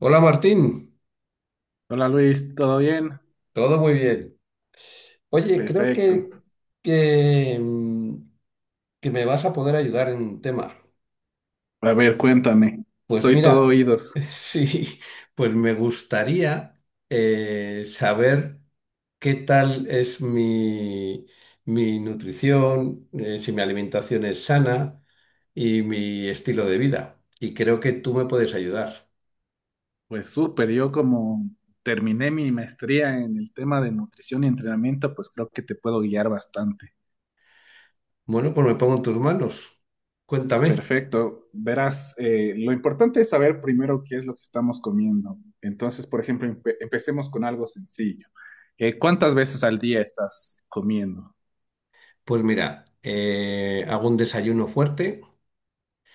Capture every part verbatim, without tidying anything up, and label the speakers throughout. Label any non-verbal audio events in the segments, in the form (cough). Speaker 1: Hola Martín,
Speaker 2: Hola Luis, ¿todo bien?
Speaker 1: todo muy bien. Oye, creo
Speaker 2: Perfecto.
Speaker 1: que, que, mm, que me vas a poder ayudar en un tema.
Speaker 2: A ver, cuéntame.
Speaker 1: Pues
Speaker 2: Soy todo
Speaker 1: mira,
Speaker 2: oídos.
Speaker 1: (laughs) sí, pues me gustaría eh, saber qué tal es mi, mi nutrición, eh, si mi alimentación es sana y mi estilo de vida. Y creo que tú me puedes ayudar.
Speaker 2: Pues súper, yo como terminé mi maestría en el tema de nutrición y entrenamiento, pues creo que te puedo guiar bastante.
Speaker 1: Bueno, pues me pongo en tus manos. Cuéntame.
Speaker 2: Perfecto. Verás, eh, lo importante es saber primero qué es lo que estamos comiendo. Entonces, por ejemplo, empe- empecemos con algo sencillo. Eh, ¿cuántas veces al día estás comiendo?
Speaker 1: Pues mira, eh, hago un desayuno fuerte.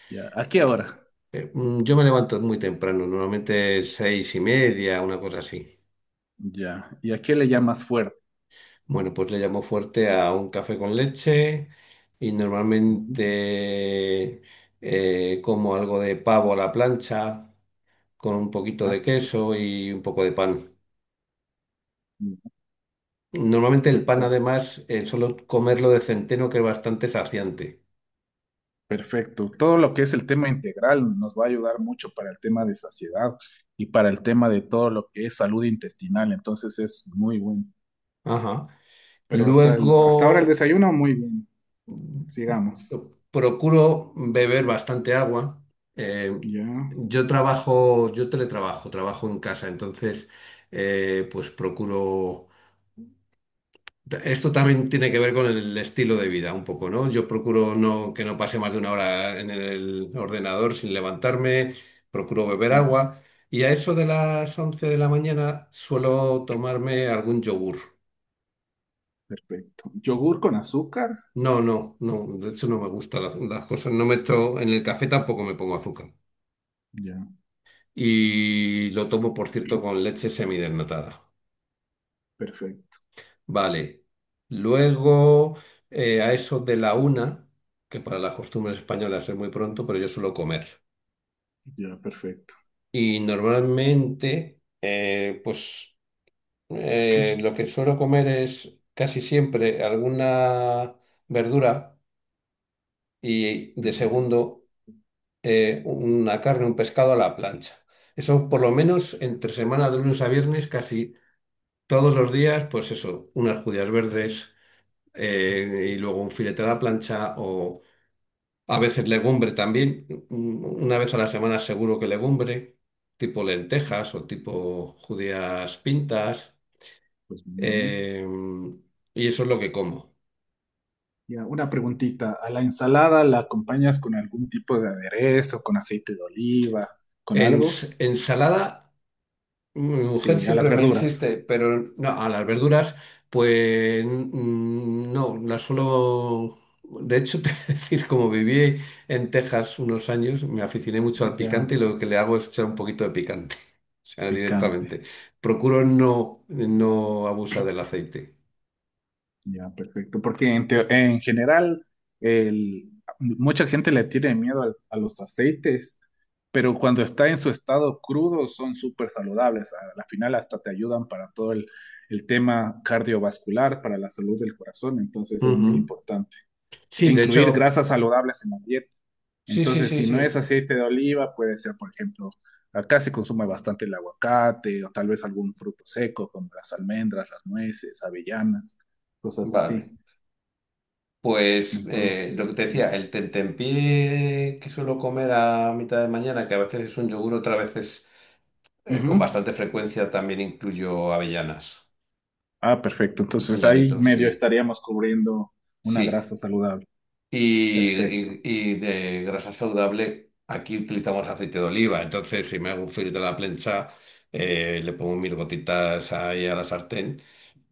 Speaker 2: Ya. ¿A qué
Speaker 1: Ah,
Speaker 2: hora?
Speaker 1: eh, mm, Yo me levanto muy temprano, normalmente seis y media, una cosa así.
Speaker 2: Ya. ¿Y a qué le llamas fuerte?
Speaker 1: Bueno, pues le llamo fuerte a un café con leche y
Speaker 2: Ujú.
Speaker 1: normalmente eh, como algo de pavo a la plancha con un poquito
Speaker 2: Ah,
Speaker 1: de queso y un poco de pan. Normalmente el
Speaker 2: pues
Speaker 1: pan además eh, solo comerlo de centeno que es bastante saciante.
Speaker 2: perfecto. Todo lo que es el tema integral nos va a ayudar mucho para el tema de saciedad y para el tema de todo lo que es salud intestinal. Entonces es muy bueno.
Speaker 1: Ajá.
Speaker 2: Pero hasta, el- hasta ahora el
Speaker 1: Luego
Speaker 2: desayuno, muy bien. Sigamos.
Speaker 1: yo procuro beber bastante agua. Eh,
Speaker 2: Ya.
Speaker 1: yo trabajo, yo teletrabajo, trabajo en casa, entonces, eh, pues procuro. Esto también tiene que ver con el estilo de vida, un poco, ¿no? Yo procuro no, que no pase más de una hora en el ordenador sin levantarme, procuro beber
Speaker 2: Mm,
Speaker 1: agua y a eso de las once de la mañana suelo tomarme algún yogur.
Speaker 2: perfecto. Yogur con azúcar.
Speaker 1: No, no, no, de hecho no me gustan las, las cosas, no meto en el café tampoco me pongo azúcar.
Speaker 2: Ya.
Speaker 1: Y lo tomo, por cierto, con leche semidesnatada.
Speaker 2: Perfecto.
Speaker 1: Vale. Luego, eh, a eso de la una, que para las costumbres españolas es muy pronto, pero yo suelo comer.
Speaker 2: Ya, perfecto.
Speaker 1: Y normalmente, eh, pues eh, lo que suelo comer es casi siempre alguna verdura y de
Speaker 2: Verduras.
Speaker 1: segundo eh, una carne, un pescado a la plancha. Eso por lo menos entre semana de lunes a viernes casi todos los días, pues eso, unas judías verdes eh, y luego un filete a la plancha o a veces legumbre también. Un- Una vez a la semana seguro que legumbre, tipo lentejas o tipo judías pintas.
Speaker 2: Pues muy bien.
Speaker 1: Eh, y eso es lo que como.
Speaker 2: Ya, una preguntita. ¿A la ensalada la acompañas con algún tipo de aderezo, con aceite de oliva, con algo?
Speaker 1: Ens- ensalada. Mi mujer
Speaker 2: Sí, a las
Speaker 1: siempre me
Speaker 2: verduras.
Speaker 1: insiste, pero no, a las verduras, pues mm, no, las suelo... De hecho, (laughs) te voy a decir, como viví en Texas unos años, me aficioné mucho al
Speaker 2: Ya.
Speaker 1: picante y lo que le hago es echar un poquito de picante, (laughs) o sea,
Speaker 2: Picante.
Speaker 1: directamente. Procuro no, no abusar del aceite.
Speaker 2: Ya, perfecto. Porque en, teo- en general, el, mucha gente le tiene miedo al- a los aceites, pero cuando está en su estado crudo son súper saludables. A la final hasta te ayudan para todo el, el tema cardiovascular, para la salud del corazón. Entonces es muy
Speaker 1: Ujú.
Speaker 2: importante. E
Speaker 1: Sí, de
Speaker 2: incluir
Speaker 1: hecho,
Speaker 2: grasas saludables en la dieta.
Speaker 1: sí, sí,
Speaker 2: Entonces,
Speaker 1: sí,
Speaker 2: si no es
Speaker 1: sí.
Speaker 2: aceite de oliva, puede ser, por ejemplo, acá se consume bastante el aguacate o tal vez algún fruto seco como las almendras, las nueces, avellanas, cosas
Speaker 1: Vale.
Speaker 2: así.
Speaker 1: Pues eh, lo que te decía, el
Speaker 2: Entonces,
Speaker 1: tentempié que suelo comer a mitad de mañana, que a veces es un yogur, otras veces Eh,
Speaker 2: ujú.
Speaker 1: con bastante frecuencia también incluyo avellanas,
Speaker 2: Ah, perfecto.
Speaker 1: un
Speaker 2: Entonces ahí
Speaker 1: puñadito, sí,
Speaker 2: medio estaríamos cubriendo una
Speaker 1: sí.
Speaker 2: grasa saludable.
Speaker 1: Y,
Speaker 2: Perfecto.
Speaker 1: y- y de grasa saludable, aquí utilizamos aceite de oliva, entonces si me hago un filtro de la plancha, eh, le pongo mil gotitas ahí a la sartén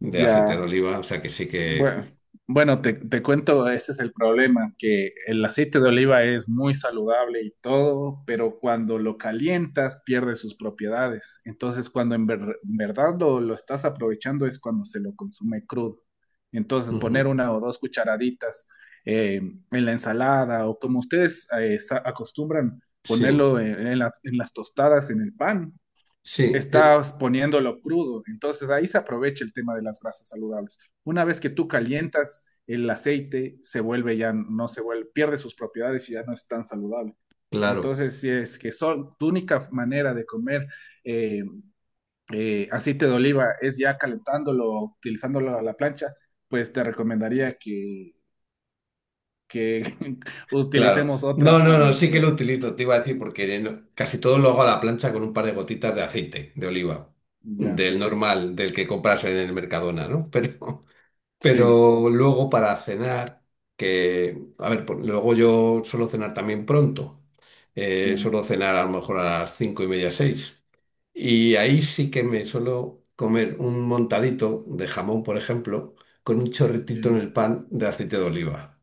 Speaker 1: de aceite de oliva, o sea que sí que...
Speaker 2: Bueno, bueno, te, te cuento, este es el problema, que el aceite de oliva es muy saludable y todo, pero cuando lo calientas pierde sus propiedades. Entonces, cuando en, ver- en verdad lo, lo estás aprovechando es cuando se lo consume crudo. Entonces, poner
Speaker 1: Ujú,
Speaker 2: una o dos cucharaditas eh, en la ensalada o como ustedes eh, sa- acostumbran
Speaker 1: sí,
Speaker 2: ponerlo en, en la- en las tostadas, en el pan,
Speaker 1: sí, eh,
Speaker 2: estás poniéndolo crudo. Entonces ahí se aprovecha el tema de las grasas saludables. Una vez que tú calientas el aceite, se vuelve ya, no se vuelve, pierde sus propiedades y ya no es tan saludable.
Speaker 1: claro.
Speaker 2: Entonces, si es que son, tu única manera de comer eh, eh, aceite de oliva es ya calentándolo, utilizándolo a la plancha, pues te recomendaría que, que (laughs)
Speaker 1: Claro.
Speaker 2: utilicemos otra
Speaker 1: No, no, no,
Speaker 2: forma,
Speaker 1: sí que
Speaker 2: sí.
Speaker 1: lo utilizo, te iba a decir, porque no- casi todo lo hago a la plancha con un par de gotitas de aceite de oliva,
Speaker 2: Ya,
Speaker 1: del
Speaker 2: perfecto.
Speaker 1: normal, del que compras en el Mercadona, ¿no? (laughs) Pero,
Speaker 2: Sí,
Speaker 1: pero luego para cenar, que, a ver, por- luego yo suelo cenar también pronto, eh,
Speaker 2: ya,
Speaker 1: suelo cenar a lo mejor a las cinco y media, seis, y ahí sí que me suelo comer un montadito de jamón, por ejemplo, con un chorritito en
Speaker 2: ya,
Speaker 1: el pan de aceite de oliva.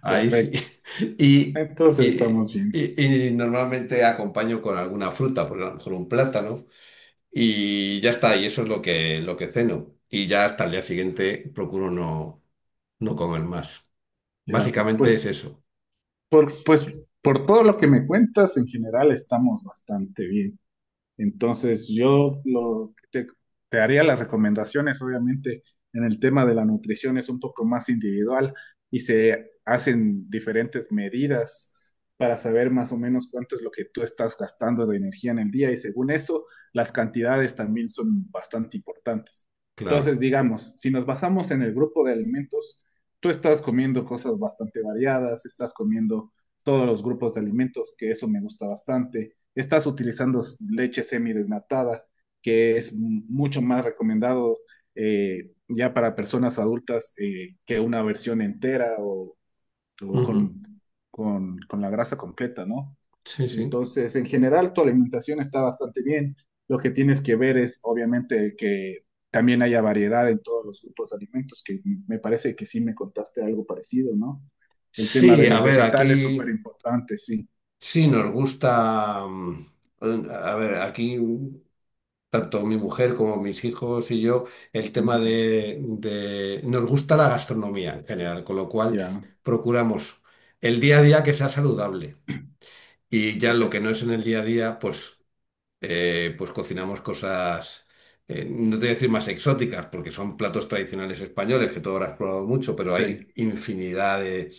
Speaker 1: Ahí sí.
Speaker 2: perfecto.
Speaker 1: (laughs) Y,
Speaker 2: Entonces
Speaker 1: y-
Speaker 2: estamos bien.
Speaker 1: y- y normalmente acompaño con alguna fruta, por a lo mejor un plátano, y ya está, y eso es lo que, lo que ceno. Y ya hasta el día siguiente procuro no, no comer más.
Speaker 2: Ya,
Speaker 1: Básicamente es
Speaker 2: pues
Speaker 1: eso,
Speaker 2: por, pues por todo lo que me cuentas, en general estamos bastante bien. Entonces, yo lo, que te, te haría las recomendaciones, obviamente, en el tema de la nutrición es un poco más individual y se hacen diferentes medidas para saber más o menos cuánto es lo que tú estás gastando de energía en el día y según eso, las cantidades también son bastante importantes. Entonces,
Speaker 1: claro.
Speaker 2: digamos, si nos basamos en el grupo de alimentos, tú estás comiendo cosas bastante variadas, estás comiendo todos los grupos de alimentos, que eso me gusta bastante, estás utilizando leche semidesnatada, que es mucho más recomendado eh, ya para personas adultas eh, que una versión entera o, o
Speaker 1: Ujú,
Speaker 2: con, con, con, la grasa completa, ¿no?
Speaker 1: sí, sí.
Speaker 2: Entonces, en general, tu alimentación está bastante bien. Lo que tienes que ver es, obviamente, que también haya variedad en todos los grupos de alimentos, que me parece que sí me contaste algo parecido, ¿no? El tema
Speaker 1: Sí,
Speaker 2: de
Speaker 1: a
Speaker 2: los
Speaker 1: ver,
Speaker 2: vegetales, súper
Speaker 1: aquí
Speaker 2: importante, sí.
Speaker 1: sí nos gusta. mm, A ver, aquí. Tanto mi mujer como mis hijos y yo, el
Speaker 2: Uh
Speaker 1: tema
Speaker 2: -huh.
Speaker 1: de, de- nos gusta la gastronomía en general, con lo cual
Speaker 2: Ya, yeah,
Speaker 1: procuramos el día a día que sea saludable y ya lo que no
Speaker 2: perfecto.
Speaker 1: es en el día a día, pues, eh, pues cocinamos cosas, eh, no te voy a decir más exóticas, porque son platos tradicionales españoles que tú habrás probado mucho, pero
Speaker 2: Sí.
Speaker 1: hay infinidad de...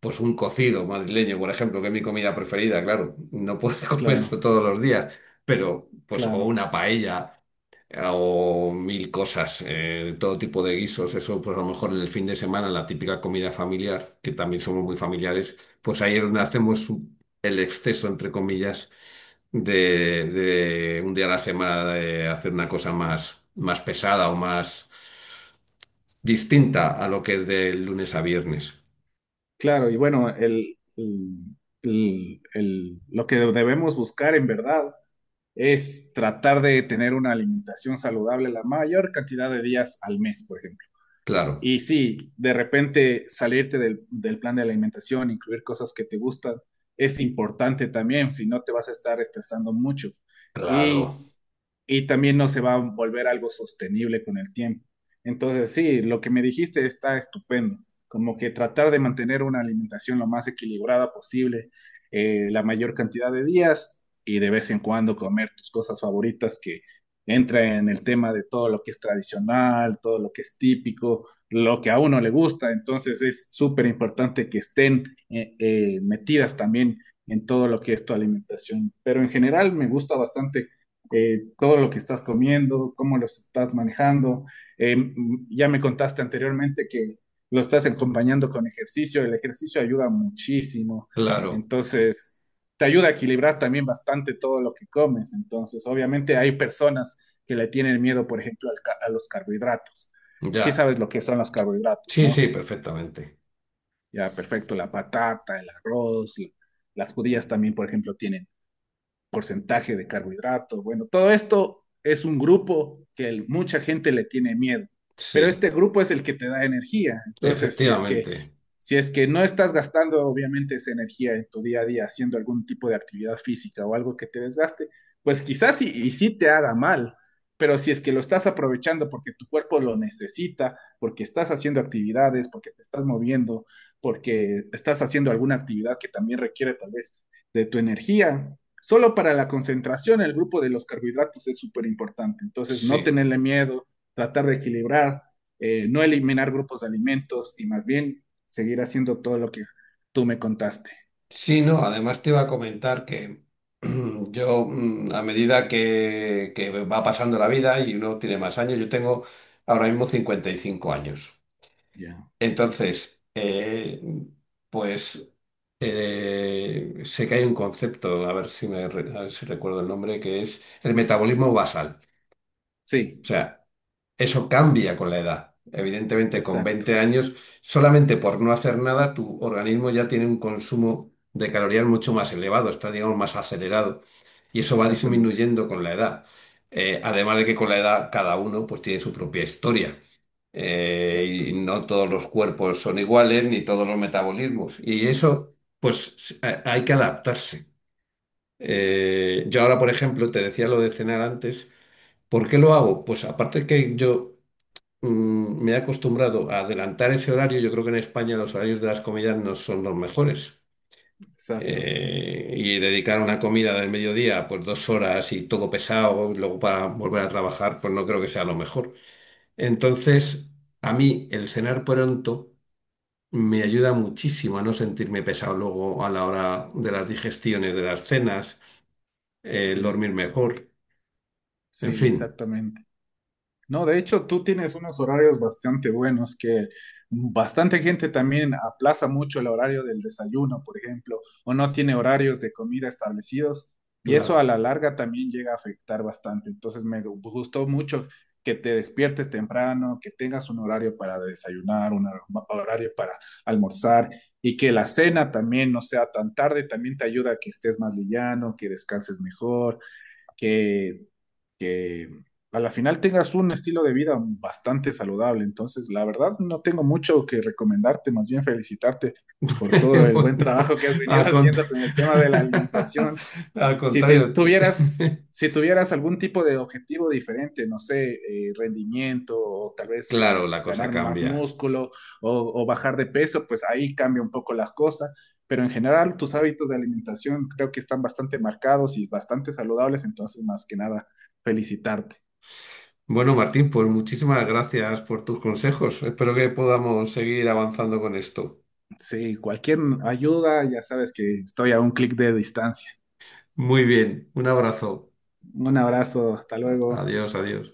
Speaker 1: Pues un cocido madrileño, por ejemplo, que es mi comida preferida, claro, no puedo (laughs) comer
Speaker 2: Claro,
Speaker 1: eso todos los días, pero pues o
Speaker 2: claro,
Speaker 1: una paella o mil cosas, eh, todo tipo de guisos, eso pues a lo mejor en el fin de semana, la típica comida familiar, que también somos muy familiares, pues ahí es donde hacemos un- el exceso, entre comillas, de, de un día a la semana de hacer una cosa más, más pesada o más distinta a lo que es de lunes a viernes.
Speaker 2: claro. Y bueno, el, el- el- el- lo que debemos buscar en verdad es tratar de tener una alimentación saludable la mayor cantidad de días al mes, por ejemplo.
Speaker 1: Claro,
Speaker 2: Y sí, de repente salirte del, del plan de alimentación, incluir cosas que te gustan, es importante también, si no te vas a estar estresando mucho.
Speaker 1: claro,
Speaker 2: Y y también no se va a volver algo sostenible con el tiempo. Entonces, sí, lo que me dijiste está estupendo, como que tratar de mantener una alimentación lo más equilibrada posible, eh, la mayor cantidad de días y de vez en cuando comer tus cosas favoritas que entra en el tema de todo lo que es tradicional, todo lo que es típico, lo que a uno le gusta. Entonces, es súper importante que estén eh, eh, metidas también en todo lo que es tu alimentación. Pero en general me gusta bastante eh, todo lo que estás comiendo, cómo lo estás manejando. Eh, ya me contaste anteriormente que lo estás acompañando con ejercicio, el ejercicio ayuda muchísimo,
Speaker 1: claro,
Speaker 2: entonces te ayuda a equilibrar también bastante todo lo que comes, entonces obviamente hay personas que le tienen miedo, por ejemplo, al ca- a los carbohidratos. ¿Sí
Speaker 1: ya.
Speaker 2: sabes lo que son los carbohidratos,
Speaker 1: Sí, sí,
Speaker 2: no?
Speaker 1: perfectamente.
Speaker 2: Ya, perfecto, la patata, el arroz, l- las judías también, por ejemplo, tienen porcentaje de carbohidrato. Bueno, todo esto es un grupo que el, mucha gente le tiene miedo, pero este
Speaker 1: Sí,
Speaker 2: grupo es el que te da energía. Entonces, si es que
Speaker 1: efectivamente.
Speaker 2: si es que no estás gastando obviamente esa energía en tu día a día haciendo algún tipo de actividad física o algo que te desgaste, pues quizás y, y sí te haga mal, pero si es que lo estás aprovechando porque tu cuerpo lo necesita, porque estás haciendo actividades, porque te estás moviendo, porque estás haciendo alguna actividad que también requiere tal vez de tu energía, solo para la concentración, el grupo de los carbohidratos es súper importante. Entonces, no
Speaker 1: Sí.
Speaker 2: tenerle miedo, tratar de equilibrar, eh, no eliminar grupos de alimentos y más bien seguir haciendo todo lo que tú me contaste.
Speaker 1: Sí, no, además te iba a comentar que (clears throat) yo, mm, a medida que, que va pasando la vida y uno tiene más años, yo tengo ahora mismo cincuenta y cinco años.
Speaker 2: Ya.
Speaker 1: Entonces, eh, pues eh, sé que hay un concepto, a ver si me, re- a ver si recuerdo el nombre, que es el metabolismo basal. O
Speaker 2: Sí,
Speaker 1: sea, eso cambia con la edad. Evidentemente, con
Speaker 2: exacto,
Speaker 1: veinte años, solamente por no hacer nada, tu organismo ya tiene un consumo de calorías mucho más elevado, está, digamos, más acelerado. Y eso va
Speaker 2: exactamente,
Speaker 1: disminuyendo con la edad. Eh, además de que con la edad cada uno pues tiene su propia historia.
Speaker 2: exacto,
Speaker 1: Eh, y no todos los cuerpos son iguales, ni todos los metabolismos. Y eso, pues ha- hay que adaptarse. Eh, yo ahora, por ejemplo, te decía lo de cenar antes. ¿Por qué lo hago? Pues aparte que yo mm, me he acostumbrado a adelantar ese horario. Yo creo que en España los horarios de las comidas no son los mejores.
Speaker 2: exacto.
Speaker 1: Eh, y dedicar una comida del mediodía, pues dos horas y todo pesado, y luego para volver a trabajar, pues no creo que sea lo mejor. Entonces, a mí el cenar pronto me ayuda muchísimo a no sentirme pesado luego a la hora de las digestiones, de las cenas, eh, el dormir
Speaker 2: Sí,
Speaker 1: mejor, en
Speaker 2: sí,
Speaker 1: fin,
Speaker 2: exactamente. No, de hecho, tú tienes unos horarios bastante buenos que bastante gente también aplaza mucho el horario del desayuno, por ejemplo, o no tiene horarios de comida establecidos y eso a
Speaker 1: claro.
Speaker 2: la larga también llega a afectar bastante. Entonces, me gu- gustó mucho que te despiertes temprano, que tengas un horario para desayunar, un hor- horario para almorzar y que la cena también no sea tan tarde, también te ayuda a que estés más liviano, que descanses mejor, que que a la final tengas un estilo de vida bastante saludable. Entonces, la verdad, no tengo mucho que recomendarte, más bien felicitarte por todo
Speaker 1: (laughs)
Speaker 2: el buen
Speaker 1: Bueno,
Speaker 2: trabajo que has venido (laughs)
Speaker 1: al, con-
Speaker 2: haciendo con el tema de la alimentación.
Speaker 1: (laughs) al
Speaker 2: Si te-
Speaker 1: contrario, te-
Speaker 2: tuvieras,
Speaker 1: (laughs)
Speaker 2: si tuvieras algún tipo de objetivo diferente, no sé, eh, rendimiento o tal vez eh,
Speaker 1: claro, la cosa
Speaker 2: ganar más
Speaker 1: cambia.
Speaker 2: músculo o, o bajar de peso, pues ahí cambia un poco las cosas. Pero en general, tus hábitos de alimentación creo que están bastante marcados y bastante saludables, entonces más que nada, felicitarte.
Speaker 1: Bueno, Martín, pues muchísimas gracias por tus consejos. Espero que podamos seguir avanzando con esto.
Speaker 2: Sí, cualquier ayuda, ya sabes que estoy a un clic de distancia.
Speaker 1: Muy bien, un abrazo.
Speaker 2: Un abrazo, hasta
Speaker 1: A-
Speaker 2: luego.
Speaker 1: Adiós, adiós.